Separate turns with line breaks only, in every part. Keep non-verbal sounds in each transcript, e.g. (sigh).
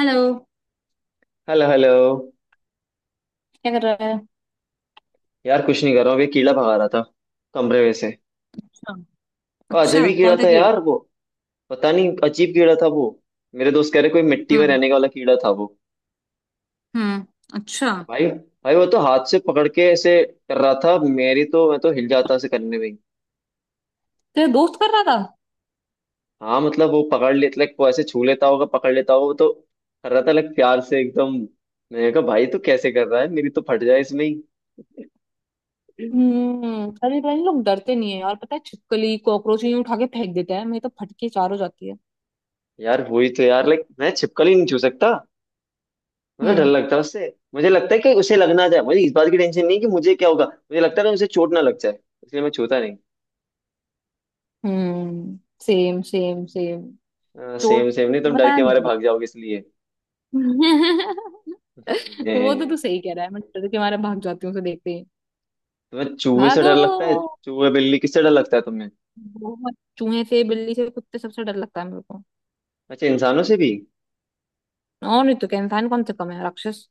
Hello.
Hello hello.
क्या कर रहा है?
यार कुछ नहीं कर रहा हूँ अभी कीड़ा भगा रहा था कमरे में से।
अच्छा।
और अजब
अच्छा,
ही कीड़ा
कौन सा
था
कीड़ा?
यार वो। पता नहीं अजीब कीड़ा था वो। मेरे दोस्त कह रहे कोई मिट्टी में
हम्म।
रहने वाला कीड़ा था वो।
हम्म। अच्छा।
भाई भाई वो तो हाथ से पकड़ के ऐसे कर रहा था, मेरी तो मैं तो हिल जाता ऐसे करने में ही।
तेरा दोस्त कर रहा था?
हाँ मतलब वो पकड़ लेता, लाइक वो ऐसे छू लेता होगा पकड़ लेता होगा वो तो। कर रहा था लाइक प्यार से एकदम। मैंने कहा भाई तो कैसे कर रहा है, मेरी तो फट जाए इसमें ही। (laughs)
हम्म। अरे पता नहीं लोग डरते नहीं है यार, पता है छिपकली कॉकरोच यूं उठा के फेंक देते हैं, मेरी तो फटके चार हो जाती है।
यार हुई तो यार, लाइक मैं छिपकली नहीं छू सकता। मुझे डर
हम्म।
लगता है उससे। मुझे लगता है कि उसे लग ना जाए, मुझे इस बात की टेंशन नहीं कि मुझे क्या होगा, मुझे लगता है ना उसे चोट ना लग जाए, इसलिए मैं छूता
हम्म। Same same same.
नहीं। सेम
चोट
सेम नहीं, तुम डर
पता
के
नहीं
मारे
लगी।
भाग जाओगे इसलिए।
(laughs)
हे, हे,
वो तो तू
हे।
सही कह रहा है, मैं डर के मारे भाग जाती हूँ उसे देखते ही।
तुम्हें चूहे से डर
भागो।
लगता है, चूहे बिल्ली किससे डर लगता है तुम्हें।
बहुत, चूहे से बिल्ली से कुत्ते सबसे डर लगता है मेरे को।
अच्छा इंसानों से भी।
और नहीं तो क्या, इंसान कौन से कम है राक्षस।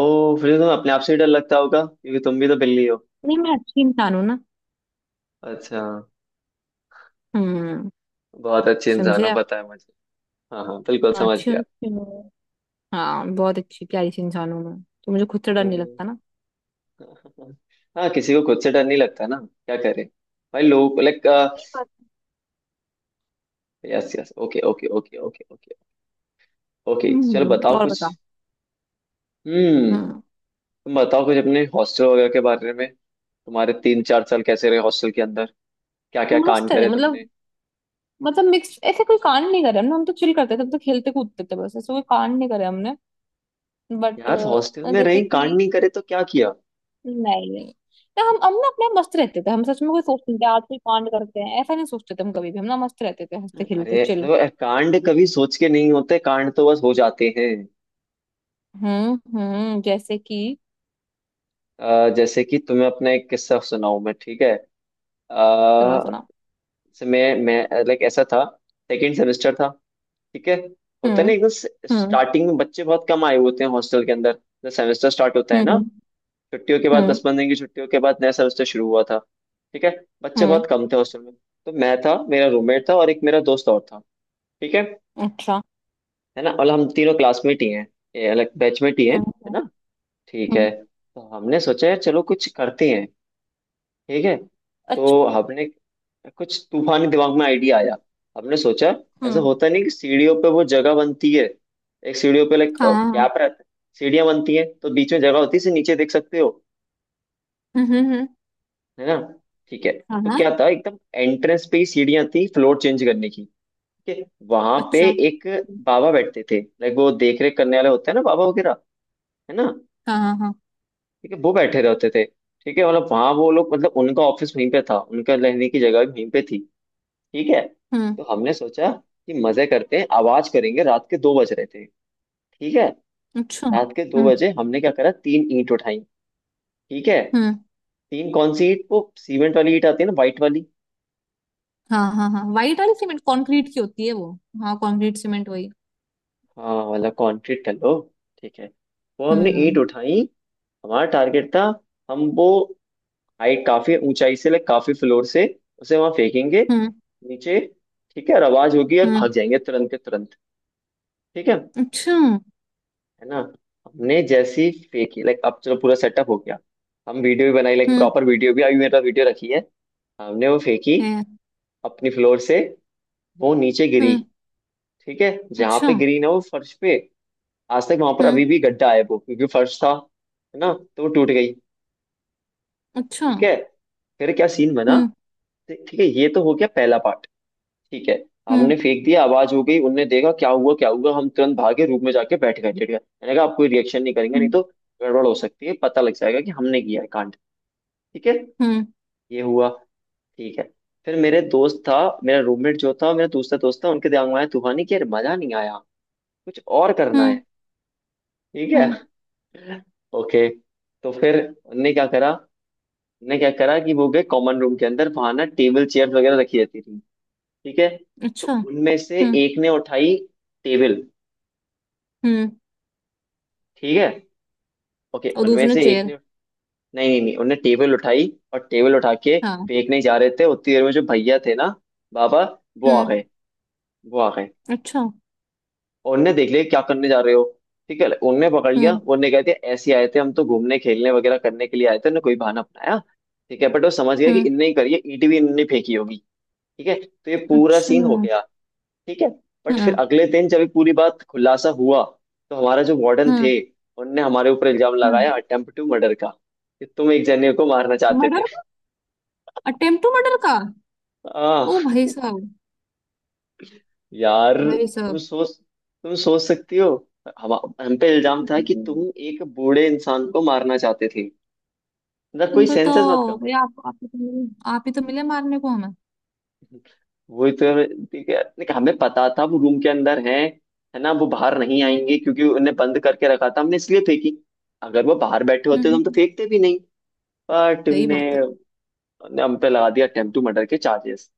ओ फिर तो तुम्हें अपने आप से ही डर लगता होगा क्योंकि तुम भी तो बिल्ली हो।
नहीं, मैं अच्छी इंसान हूँ ना।
अच्छा
हम्म।
बहुत अच्छे इंसान
समझे
हो
आप?
पता है मुझे। हाँ हाँ बिल्कुल
हाँ,
समझ
अच्छी हूँ
गया।
अच्छी हूँ। हाँ, बहुत अच्छी प्यारी सी इंसान हूँ मैं तो, मुझे खुद से डर नहीं
हम्म।
लगता ना।
हाँ किसी को खुद से डर नहीं लगता ना। क्या करे। भाई लोग लाइक।
सही बात।
Yes yes okay okay okay okay okay. Okay चलो
हम्म,
बताओ
और
कुछ।
बता।
हम्म।
हम्म।
तुम बताओ कुछ अपने हॉस्टल वगैरह के बारे में। तुम्हारे 3 4 साल कैसे रहे हॉस्टल के अंदर, क्या क्या
मस्त
कांड
है
करे
मतलब।
तुमने।
मतलब मिक्स, ऐसे कोई कांड नहीं करे हमने, हम तो चिल करते थे, हम तो खेलते कूदते थे, बस ऐसे कोई कांड नहीं करे हमने। बट।
यार हॉस्टल में
जैसे
रही कांड
कि।
नहीं करे तो क्या किया।
नहीं नहीं। ना हम ना अपने आप मस्त रहते थे, हम सच में कोई सोचते नहीं थे आज कोई कांड करते हैं, ऐसा नहीं सोचते थे हम कभी भी, हम ना मस्त रहते थे, हंसते खेलते
अरे
चिल।
देखो यार, कांड कभी सोच के नहीं होते, कांड तो बस हो जाते हैं।
हम्म। हम्म। जैसे कि।
जैसे कि तुम्हें अपना एक किस्सा सुनाऊं मैं, ठीक है। आ,
सुना सुना।
मैं लाइक ऐसा था। सेकेंड सेमेस्टर था, ठीक है। होता है ना
हम्म।
एकदम
हम्म।
स्टार्टिंग में बच्चे बहुत कम आए होते हैं हॉस्टल के अंदर, जब सेमेस्टर स्टार्ट होता है
हम्म।
ना।
हम्म।
छुट्टियों के बाद
हम्म।
10 15 दिन की छुट्टियों के बाद नया सेमेस्टर शुरू हुआ था। ठीक है, बच्चे
हम्म,
बहुत कम थे हॉस्टल में। तो मैं था, मेरा रूममेट था और एक मेरा दोस्त और था, ठीक है।
अच्छा।
है ना, और हम तीनों क्लासमेट ही हैं, ये अलग बैचमेट ही हैं,
हम्म।
है
हम्म।
ना। ठीक
हम्म,
है। तो हमने सोचा यार चलो कुछ करते हैं, ठीक है।
अच्छा।
तो हमने कुछ तूफानी दिमाग में आइडिया आया। हमने सोचा, ऐसा
हम्म।
होता नहीं कि सीढ़ियों पे वो जगह बनती है, एक सीढ़ियों पे लाइक
हाँ हाँ हाँ,
क्या रहता है, सीढ़ियाँ बनती हैं तो बीच में जगह होती है से नीचे देख सकते हो,
हम्म हम्म हम्म,
है ना, ठीक है।
हाँ
तो क्या
हाँ।
था, एकदम एंट्रेंस पे ही सीढ़ियां थी फ्लोर चेंज करने की, ठीक है। वहां
अच्छा।
पे एक बाबा बैठते थे, लाइक वो देख रेख करने वाले होते हैं ना बाबा वगैरह, है ना।
हाँ हाँ हाँ।
ठीक है, वो बैठे रहते थे, ठीक है, मतलब वहां वो लोग मतलब उनका ऑफिस वहीं पे था, उनका रहने की जगह भी वहीं पे थी, ठीक है।
हम्म।
तो हमने सोचा कि मजे करते हैं, आवाज करेंगे, रात के 2 बज रहे थे, ठीक है।
अच्छा।
रात के दो
हम्म।
बजे हमने क्या करा, तीन ईंट उठाई, ठीक है।
हम्म।
तीन कौन सी ईंट, वो सीमेंट वाली ईंट आती है ना व्हाइट वाली,
हाँ हाँ हाँ, वाइट वाली सीमेंट कंक्रीट की होती है वो। हाँ कंक्रीट सीमेंट वही।
हाँ वाला कंक्रीट कर लो, ठीक है। वो हमने ईंट
हम्म।
उठाई। हमारा टारगेट था, हम वो हाइट काफी ऊंचाई से लाइक काफी फ्लोर से उसे वहां फेंकेंगे
हम्म।
नीचे, ठीक है। और आवाज होगी और
हम्म।
भाग जाएंगे तुरंत के तुरंत, ठीक है
अच्छा।
ना। हमने जैसी फेंकी, लाइक अब चलो पूरा सेटअप हो गया, हम वीडियो भी बनाई लाइक
हम्म।
प्रॉपर वीडियो भी, अभी मेरे पास वीडियो रखी है। हमने वो फेंकी
है,
अपनी फ्लोर से, वो नीचे गिरी,
हम्म।
ठीक है। जहां
अच्छा।
पे गिरी ना वो फर्श पे, आज तक वहां पर अभी
हम्म।
भी गड्ढा है वो, क्योंकि फर्श था, है ना। तो वो टूट गई,
अच्छा।
ठीक है। फिर क्या सीन बना,
हम्म।
ठीक है, ये तो हो गया पहला पार्ट, ठीक है।
हम्म।
हमने फेंक दिया, आवाज हो गई, उनने देखा क्या हुआ क्या हुआ, हम तुरंत भागे रूम में जाके बैठ गए लेट गए, मैंने कहा आप कोई रिएक्शन नहीं करेंगे नहीं
हम्म।
तो गड़बड़ हो सकती है, पता लग जाएगा कि हमने किया है कांड, ठीक है,
हम्म।
ये हुआ, ठीक है। फिर मेरे दोस्त था, मेरा रूममेट जो था, मेरा दूसरा दोस्त था, उनके दिमाग में आया तूफानी कि यार मजा नहीं आया, कुछ और करना
हम्म।
है, ठीक
हम्म,
है। (laughs) ओके, तो फिर उनने क्या करा, ने क्या करा कि वो गए कॉमन रूम के अंदर, वहां ना टेबल चेयर वगैरह रखी रहती थी, ठीक है। तो
अच्छा।
उनमें से
हम्म।
एक ने उठाई टेबल,
हम्म।
ठीक है। ओके
और
उनमें
दूसरे
से एक
चेयर?
ने, नहीं नहीं नहीं उनने टेबल उठाई, और टेबल उठा के
हाँ।
फेंकने जा रहे थे, उतनी देर में जो भैया थे ना, बाबा, वो आ
हम्म।
गए, वो आ गए,
अच्छा।
और उनने देख लिया क्या करने जा रहे हो, ठीक है। उनने पकड़ लिया,
हम्म।
उनने कह दिया ऐसे आए थे हम तो घूमने खेलने वगैरह करने के लिए आए थे, उन्होंने कोई बहाना अपनाया, ठीक है। बट वो समझ गया कि
हम्म।
इनने ही करी है, ईंट भी इनने फेंकी होगी, ठीक है। तो ये पूरा
अच्छा।
सीन हो
हम्म।
गया, ठीक है। बट फिर अगले दिन जब ये पूरी बात खुलासा हुआ, तो हमारा जो वार्डन
हम्म।
थे, उनने हमारे ऊपर इल्जाम
हम्म।
लगाया अटेम्प्ट टू मर्डर का, कि तुम एक जने को मारना चाहते थे।
मर्डर का। अटेम्प्ट टू मर्डर का?
आ,
ओ भाई साहब।
यार
भाई
तुम
साहब।
सोच, तुम सोच सकती हो, हम हम पे इल्जाम था कि
हम्म,
तुम एक बूढ़े इंसान को मारना चाहते थे, मतलब कोई सेंसेस मत का।
बताओ भाई, आप ही तो मिले। आप ही तो मिले मारने को हमें।
(laughs) वही तो है, ठीक है, नहीं, हमें पता था वो रूम के अंदर है ना, वो बाहर नहीं
हम्म
आएंगे क्योंकि उन्हें बंद करके रखा था हमने, इसलिए फेंकी, अगर वो बाहर बैठे
हम्म
होते तो
हम्म,
हम तो
हम्म।
फेंकते भी नहीं। बट
सही
उनने,
बात है।
उनने हम पे लगा दिया अटेम्प्ट टू मर्डर के चार्जेस,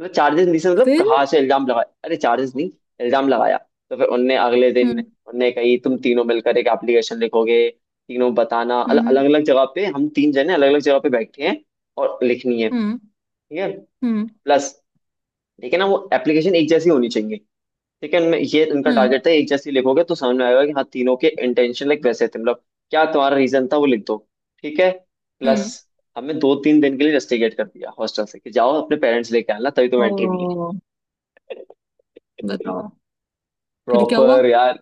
मतलब चार्जेस नहीं से, मतलब
फिर?
कहाँ से इल्जाम लगाया, अरे चार्जेस नहीं, इल्जाम लगाया। तो फिर उनने अगले दिन
हम्म।
उनने कही तुम तीनों मिलकर एक एप्लीकेशन लिखोगे, तीनों बताना अलग
हम्म।
अलग जगह पे, हम तीन जने अलग अलग जगह पे बैठे हैं और लिखनी है,
हम्म।
ठीक है।
हम्म।
प्लस, लेकिन ना वो एप्लीकेशन एक जैसी होनी चाहिए, लेकिन ये इनका
हम्म। हम्म।
टारगेट था, एक जैसी लिखोगे तो समझ में आएगा कि हाँ तीनों के इंटेंशन लाइक वैसे थे, मतलब क्या तुम्हारा रीजन था वो लिख दो, ठीक है। प्लस,
हम्म।
हमें 2 3 दिन के लिए रस्टिकेट कर दिया हॉस्टल से कि जाओ अपने पेरेंट्स लेके आना तभी तुम्हें एंट्री मिलेगी,
ओ। बताओ, फिर क्या हुआ?
प्रॉपर यार।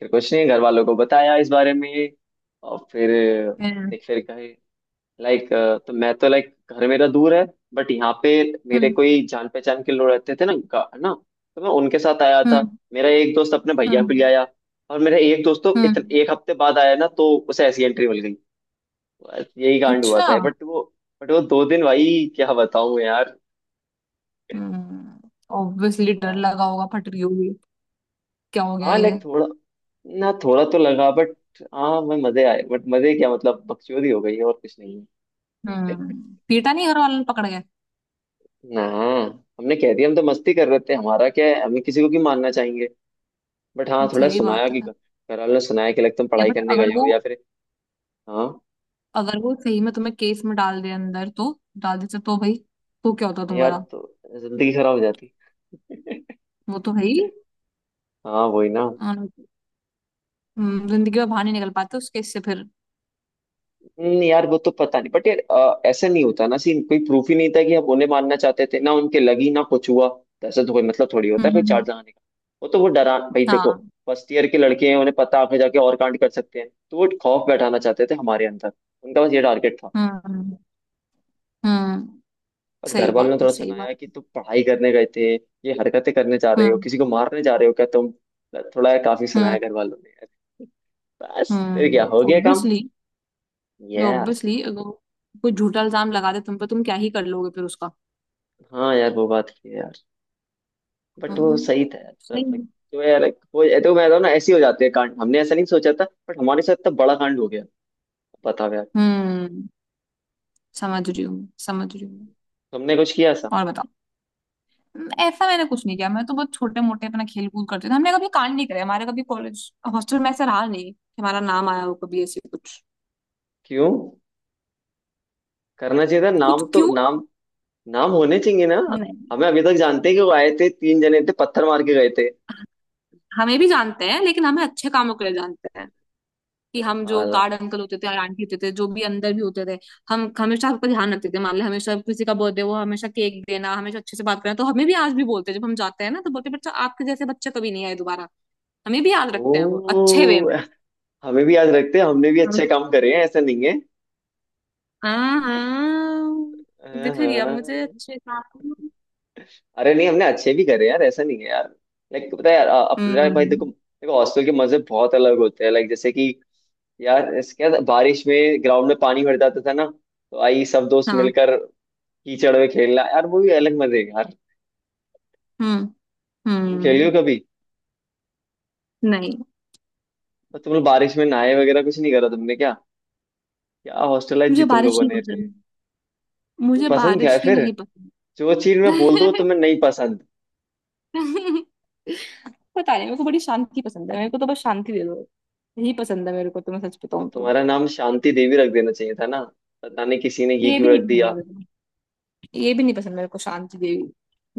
फिर कुछ नहीं, घर वालों को बताया इस बारे में, और फिर
हम्म।
एक फिर कहे, लाइक तो मैं तो लाइक घर मेरा दूर है, बट यहाँ पे मेरे
हम्म।
कोई जान पहचान के लोग रहते थे ना ना, तो मैं उनके साथ आया था,
हम्म।
मेरा एक दोस्त अपने भैया को ले
हम्म।
आया, और मेरा एक दोस्त तो
हम्म,
एक हफ्ते बाद आया ना, तो उसे ऐसी एंट्री मिल गई। बस यही कांड हुआ
अच्छा।
था, बट वो, बट वो 2 दिन भाई, क्या बताऊं यार,
हम्म। ऑब्वियसली
क्या।
डर लगा होगा, फट रही होगी। क्या हो गया
हाँ
ये?
लाइक थोड़ा ना, थोड़ा तो लगा बट, हाँ मैं मजे आए, बट मजे क्या मतलब बकचोदी हो गई है और कुछ नहीं है।
हम्म। पीटा नहीं घर वालों ने, पकड़ गए?
(laughs) ना, हमने कह दिया हम तो मस्ती कर रहे थे, हमारा क्या है, हमें किसी को क्यों मानना चाहेंगे, बट हाँ थोड़ा
सही
सुनाया
बात
कि
है।
घर वालों ने सुनाया कि लगता तुम
या
पढ़ाई
बट
करने गए हो या फिर। हाँ,
अगर वो सही में तुम्हें केस में डाल दे अंदर तो। डाल दे तो भाई। तो क्या होता
यार
तुम्हारा?
तो जिंदगी खराब हो जाती। (laughs)
वो तो भाई।
हाँ वही ना।
अम, जिंदगी में बाहर नहीं निकल पाते उस केस से फिर।
नहीं यार वो तो पता नहीं बट यार, ऐसा नहीं होता ना सीन, कोई प्रूफ ही नहीं था कि आप उन्हें मानना चाहते थे, ना उनके लगी ना कुछ हुआ, तो ऐसा तो कोई मतलब थोड़ी
हम्म
होता है कोई
हम्म हम्म,
चार्ज लगाने का। वो तो वो डरा भाई देखो,
हाँ।
फर्स्ट ईयर के लड़के हैं, उन्हें पता आगे जाके और कांड कर सकते हैं, तो वो खौफ बैठाना चाहते थे हमारे अंदर, उनका बस ये टारगेट था।
हम्म हम्म।
बस घर
सही
वालों ने
बात है
थोड़ा
सही बात।
सुनाया कि तुम पढ़ाई करने गए थे, ये हरकतें करने जा रहे हो,
हम्म
किसी को मारने जा रहे हो क्या तुम, थोड़ा काफी सुनाया
हम्म
घर वालों ने यार। बस फिर क्या हो गया काम।
ऑब्वियसली
यस,
ऑब्वियसली अगर वो कोई झूठा इल्जाम लगा दे तुम पे, तुम क्या ही कर लोगे फिर उसका।
हाँ यार वो बात है यार, बट वो सही
हम्म।
था यार
सही
मतलब।
है।
तो यार वो, ये तो मैं तो ना ऐसे ही हो जाते हैं कांड, हमने ऐसा नहीं सोचा था बट हमारे साथ इतना बड़ा कांड हो गया, बताओ यार।
हम्म, समझ रही हूँ मैं, समझ रही हूँ मैं।
तुमने कुछ किया ऐसा।
और बताओ। ऐसा मैंने कुछ नहीं किया, मैं तो बहुत छोटे मोटे अपना खेल कूद करते थे, हमने कभी कांड नहीं करे, हमारे कभी कॉलेज हॉस्टल में ऐसा रहा नहीं कि हमारा नाम आया हो कभी ऐसे कुछ।
क्यों, करना चाहिए था, नाम
कुछ
तो
क्यों?
नाम, नाम होने चाहिए ना।
नहीं।
हमें अभी तक जानते हैं कि वो आए थे तीन जने थे पत्थर मार के गए
हमें भी जानते हैं लेकिन हमें अच्छे कामों के लिए जानते हैं, कि हम जो गार्ड
थे।
अंकल होते थे और आंटी होते थे जो भी अंदर भी होते थे, हम हमेशा सबका ध्यान रखते थे, मान ले हमेशा किसी का बर्थडे वो, हमेशा केक देना हमेशा अच्छे से बात करना, तो हमें भी आज भी बोलते हैं जब हम जाते हैं ना तो बोलते हैं, बच्चा आपके जैसे बच्चे कभी नहीं आए दोबारा। हमें भी याद
ओ
रखते हैं वो अच्छे वे में।
हमें भी याद रखते हैं, हमने भी अच्छे काम करे हैं ऐसा नहीं है।
हाँ हाँ।
हाँ,
दिख गया मुझे
हाँ।
अच्छे से।
अरे नहीं हमने अच्छे भी करे हैं यार, ऐसा नहीं है यार। लाइक पता है यार, अपने भाई देखो
हम्म।
देखो हॉस्टल के मजे बहुत अलग होते हैं, लाइक जैसे कि यार इसके बाद बारिश में ग्राउंड में पानी भर जाता था ना, तो आई सब दोस्त
हाँ।
मिलकर कीचड़ में खेलना, यार वो भी अलग मजे हैं यार।
हम्म।
तुम खेली
हम्म।
हो कभी,
नहीं।
और तुम लोग बारिश में नहाए वगैरह कुछ नहीं करा तुमने क्या, क्या हॉस्टल लाइफ जी
मुझे
तुम
बारिश
लोगों
नहीं
ने रही।
पसंद।
तुम्हें
मुझे
पसंद क्या है
बारिश ही
फिर,
नहीं पसंद।
जो चीज मैं बोल दूं तुम्हें नहीं पसंद।
(laughs) पता नहीं, मेरे को बड़ी शांति पसंद है, मेरे को तो बस शांति दे दो। यही पसंद है मेरे को, तो मैं सच
तो
बताऊं तो।
तुम्हारा नाम शांति देवी रख देना चाहिए था ना, पता नहीं किसी ने ये
ये भी
क्यों रख
नहीं पसंद
दिया।
है मेरे को। ये भी नहीं पसंद मेरे को, शांति देवी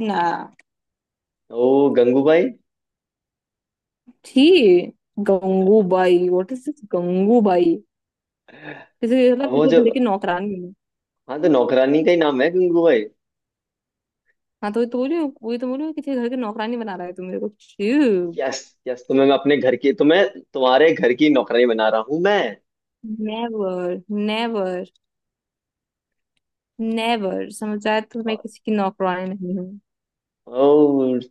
ना।
ओ गंगूबाई।
थी। Gangubai, what is this Gangubai. किसी मतलब
वो
किसी
जो,
घर की नौकरानी।
हाँ तो नौकरानी का ही नाम है गंगूबाई।
हाँ तो वही तो बोल रही हूँ, वही तो बोल रही हूँ कि तेरे घर की नौकरानी बना रहा है तू मेरे को चू।
यस, यस तुम्हें मैं अपने घर की, तुम्हें तुम्हारे घर की नौकरानी बना रहा हूँ मैं।
नेवर। नेवर। नेवर, समझ आया? तो मैं किसी की नौकरानी नहीं हूँ।
ओ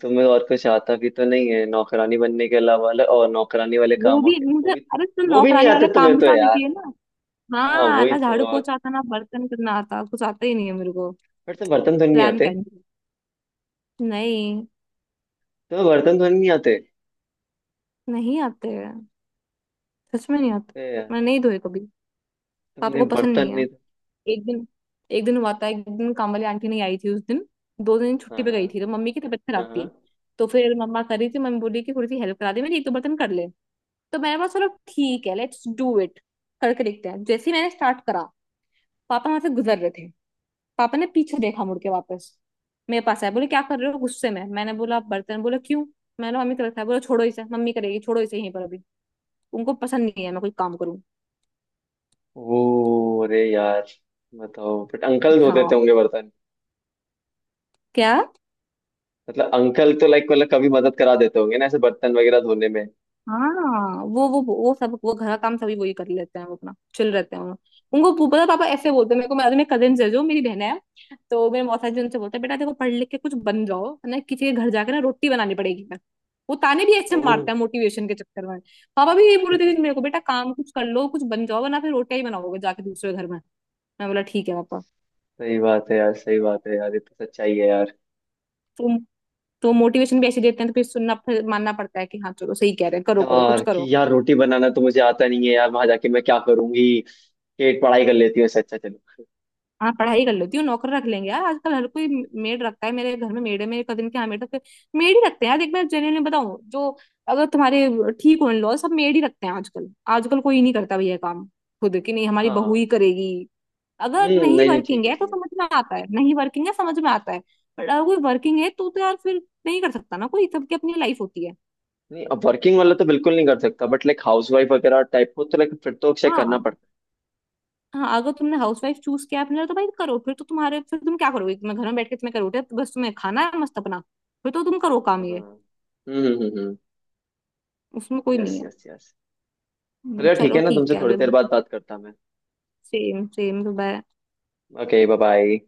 तुम्हें और कुछ आता भी तो नहीं है नौकरानी बनने के अलावा और नौकरानी वाले
वो
कामों
भी
के वो
मुझे,
भी,
अरे तो
वो भी नहीं
नौकरानी वाला
आते
काम
तुम्हें
भी
तो
तो आना
यार,
चाहिए ना।
हाँ
हाँ,
वही
ना
तो।
झाड़ू पोछा आता ना बर्तन करना आता, कुछ आता ही नहीं है मेरे को।
फिर से बर्तन धोने नहीं
प्लान
आते,
कैंसिल। नहीं।
तुम्हें बर्तन धोने नहीं आते,
नहीं आते हैं, सच में नहीं आते।
ए यार,
मैं नहीं धोए कभी। पापा
तुमने
को पसंद
बर्तन
नहीं है।
नहीं।
एक दिन। एक दिन हुआ था, एक दिन काम वाली आंटी नहीं आई थी उस दिन। दो दिन
हाँ
छुट्टी पे
हाँ
गई थी, तो मम्मी की तबीयत खराब
हाँ हाँ।
थी। तो फिर मम्मा कर रही थी, मम्मी बोली कि थोड़ी सी हेल्प करा दे मेरी, एक दो बर्तन कर ले। तो मैंने बोला चलो ठीक है, लेट्स डू इट। करके देखते हैं, जैसे ही मैंने स्टार्ट करा। पापा वहां से गुजर रहे थे। पापा ने पीछे देखा मुड़ के वापस। मेरे पास आए, बोले क्या कर रहे हो गुस्से में, मैंने बोला आप, बर्तन, बोला क्यों। मैंने बोला मम्मी कर रखा है, बोला छोड़ो इसे, मम्मी करेगी, छोड़ो इसे यहीं पर अभी। उनको पसंद नहीं है मैं कोई काम करूँ।
ओ अरे यार बताओ, बट अंकल धो देते
हाँ।
होंगे बर्तन,
क्या?
मतलब अंकल तो लाइक मतलब कभी मदद करा देते होंगे ना ऐसे बर्तन वगैरह धोने में।
हाँ, वो सब वो घर का काम सभी वही कर लेते हैं, वो अपना चिल रहते हैं वो। उनको वो पता है, पापा ऐसे बोलते हैं मेरे को, मेरे कजिन है जो मेरी बहन है। तो मेरे मौसा जी उनसे बोलते हैं, बेटा देखो पढ़ लिख के कुछ बन जाओ, है ना, किसी के घर जाके ना रोटी बनानी पड़ेगी ना। वो ताने भी ऐसे
ओ
मारते हैं मोटिवेशन के चक्कर में। पापा भी ये
(laughs)
बोलते थे मेरे को, बेटा काम कुछ कर लो, कुछ बन जाओ वरना फिर रोटियां ही बनाओगे जाके दूसरे घर में। मैं बोला ठीक है पापा।
सही बात है यार, सही बात है यार, ये तो सच्चाई है यार।
तो तो मोटिवेशन भी ऐसे देते हैं, तो फिर सुनना फिर मानना पड़ता है कि हाँ चलो सही कह रहे हैं, करो करो कुछ
यार कि
करो।
यार रोटी बनाना तो मुझे आता नहीं है यार, वहां जाके मैं क्या करूंगी, पेट पढ़ाई कर लेती हूँ इससे अच्छा चलो।
हाँ पढ़ाई कर लेती हूँ, नौकर रख लेंगे यार, आजकल हर कोई मेड रखता है, मेरे घर में मेड है, मेरे कजिन के यहाँ मेड रखते। मेड ही रखते हैं यार, देख मैं जेन्युइनली बताऊँ जो। अगर तुम्हारे। ठीक हो लॉ, सब मेड ही रखते हैं आजकल। आजकल कोई नहीं करता भैया काम। खुद कि नहीं, हमारी बहू ही
हाँ
करेगी। अगर नहीं
नहीं नहीं ठीक
वर्किंग
है
है तो
ठीक है।
समझ में आता है, नहीं वर्किंग है समझ में आता है। बट अगर कोई वर्किंग है तो यार फिर, नहीं कर सकता ना कोई, सबकी अपनी लाइफ होती है।
नहीं अब वर्किंग वाला तो बिल्कुल नहीं कर सकता बट लाइक हाउस वाइफ वगैरह टाइप को तो लाइक फिर तो चेक करना
हाँ।
पड़ता
हाँ। अगर तुमने हाउस वाइफ चूज किया अपने लिए, तो भाई करो, फिर तो तुम्हारे, फिर तुम क्या करोगे, तुम्हें घर में बैठ के तुम्हें करोगे बस, तुम्हें खाना है मस्त अपना। फिर तो तुम करो काम
है।
ये।
हाँ हम्म।
उसमें कोई
यस
नहीं है।
Yes yes. चलो ठीक
चलो
है ना तुमसे
ठीक है
थोड़ी
अभी हम।
देर बाद बात करता मैं,
सेम सेम सुबह।
Okay bye bye.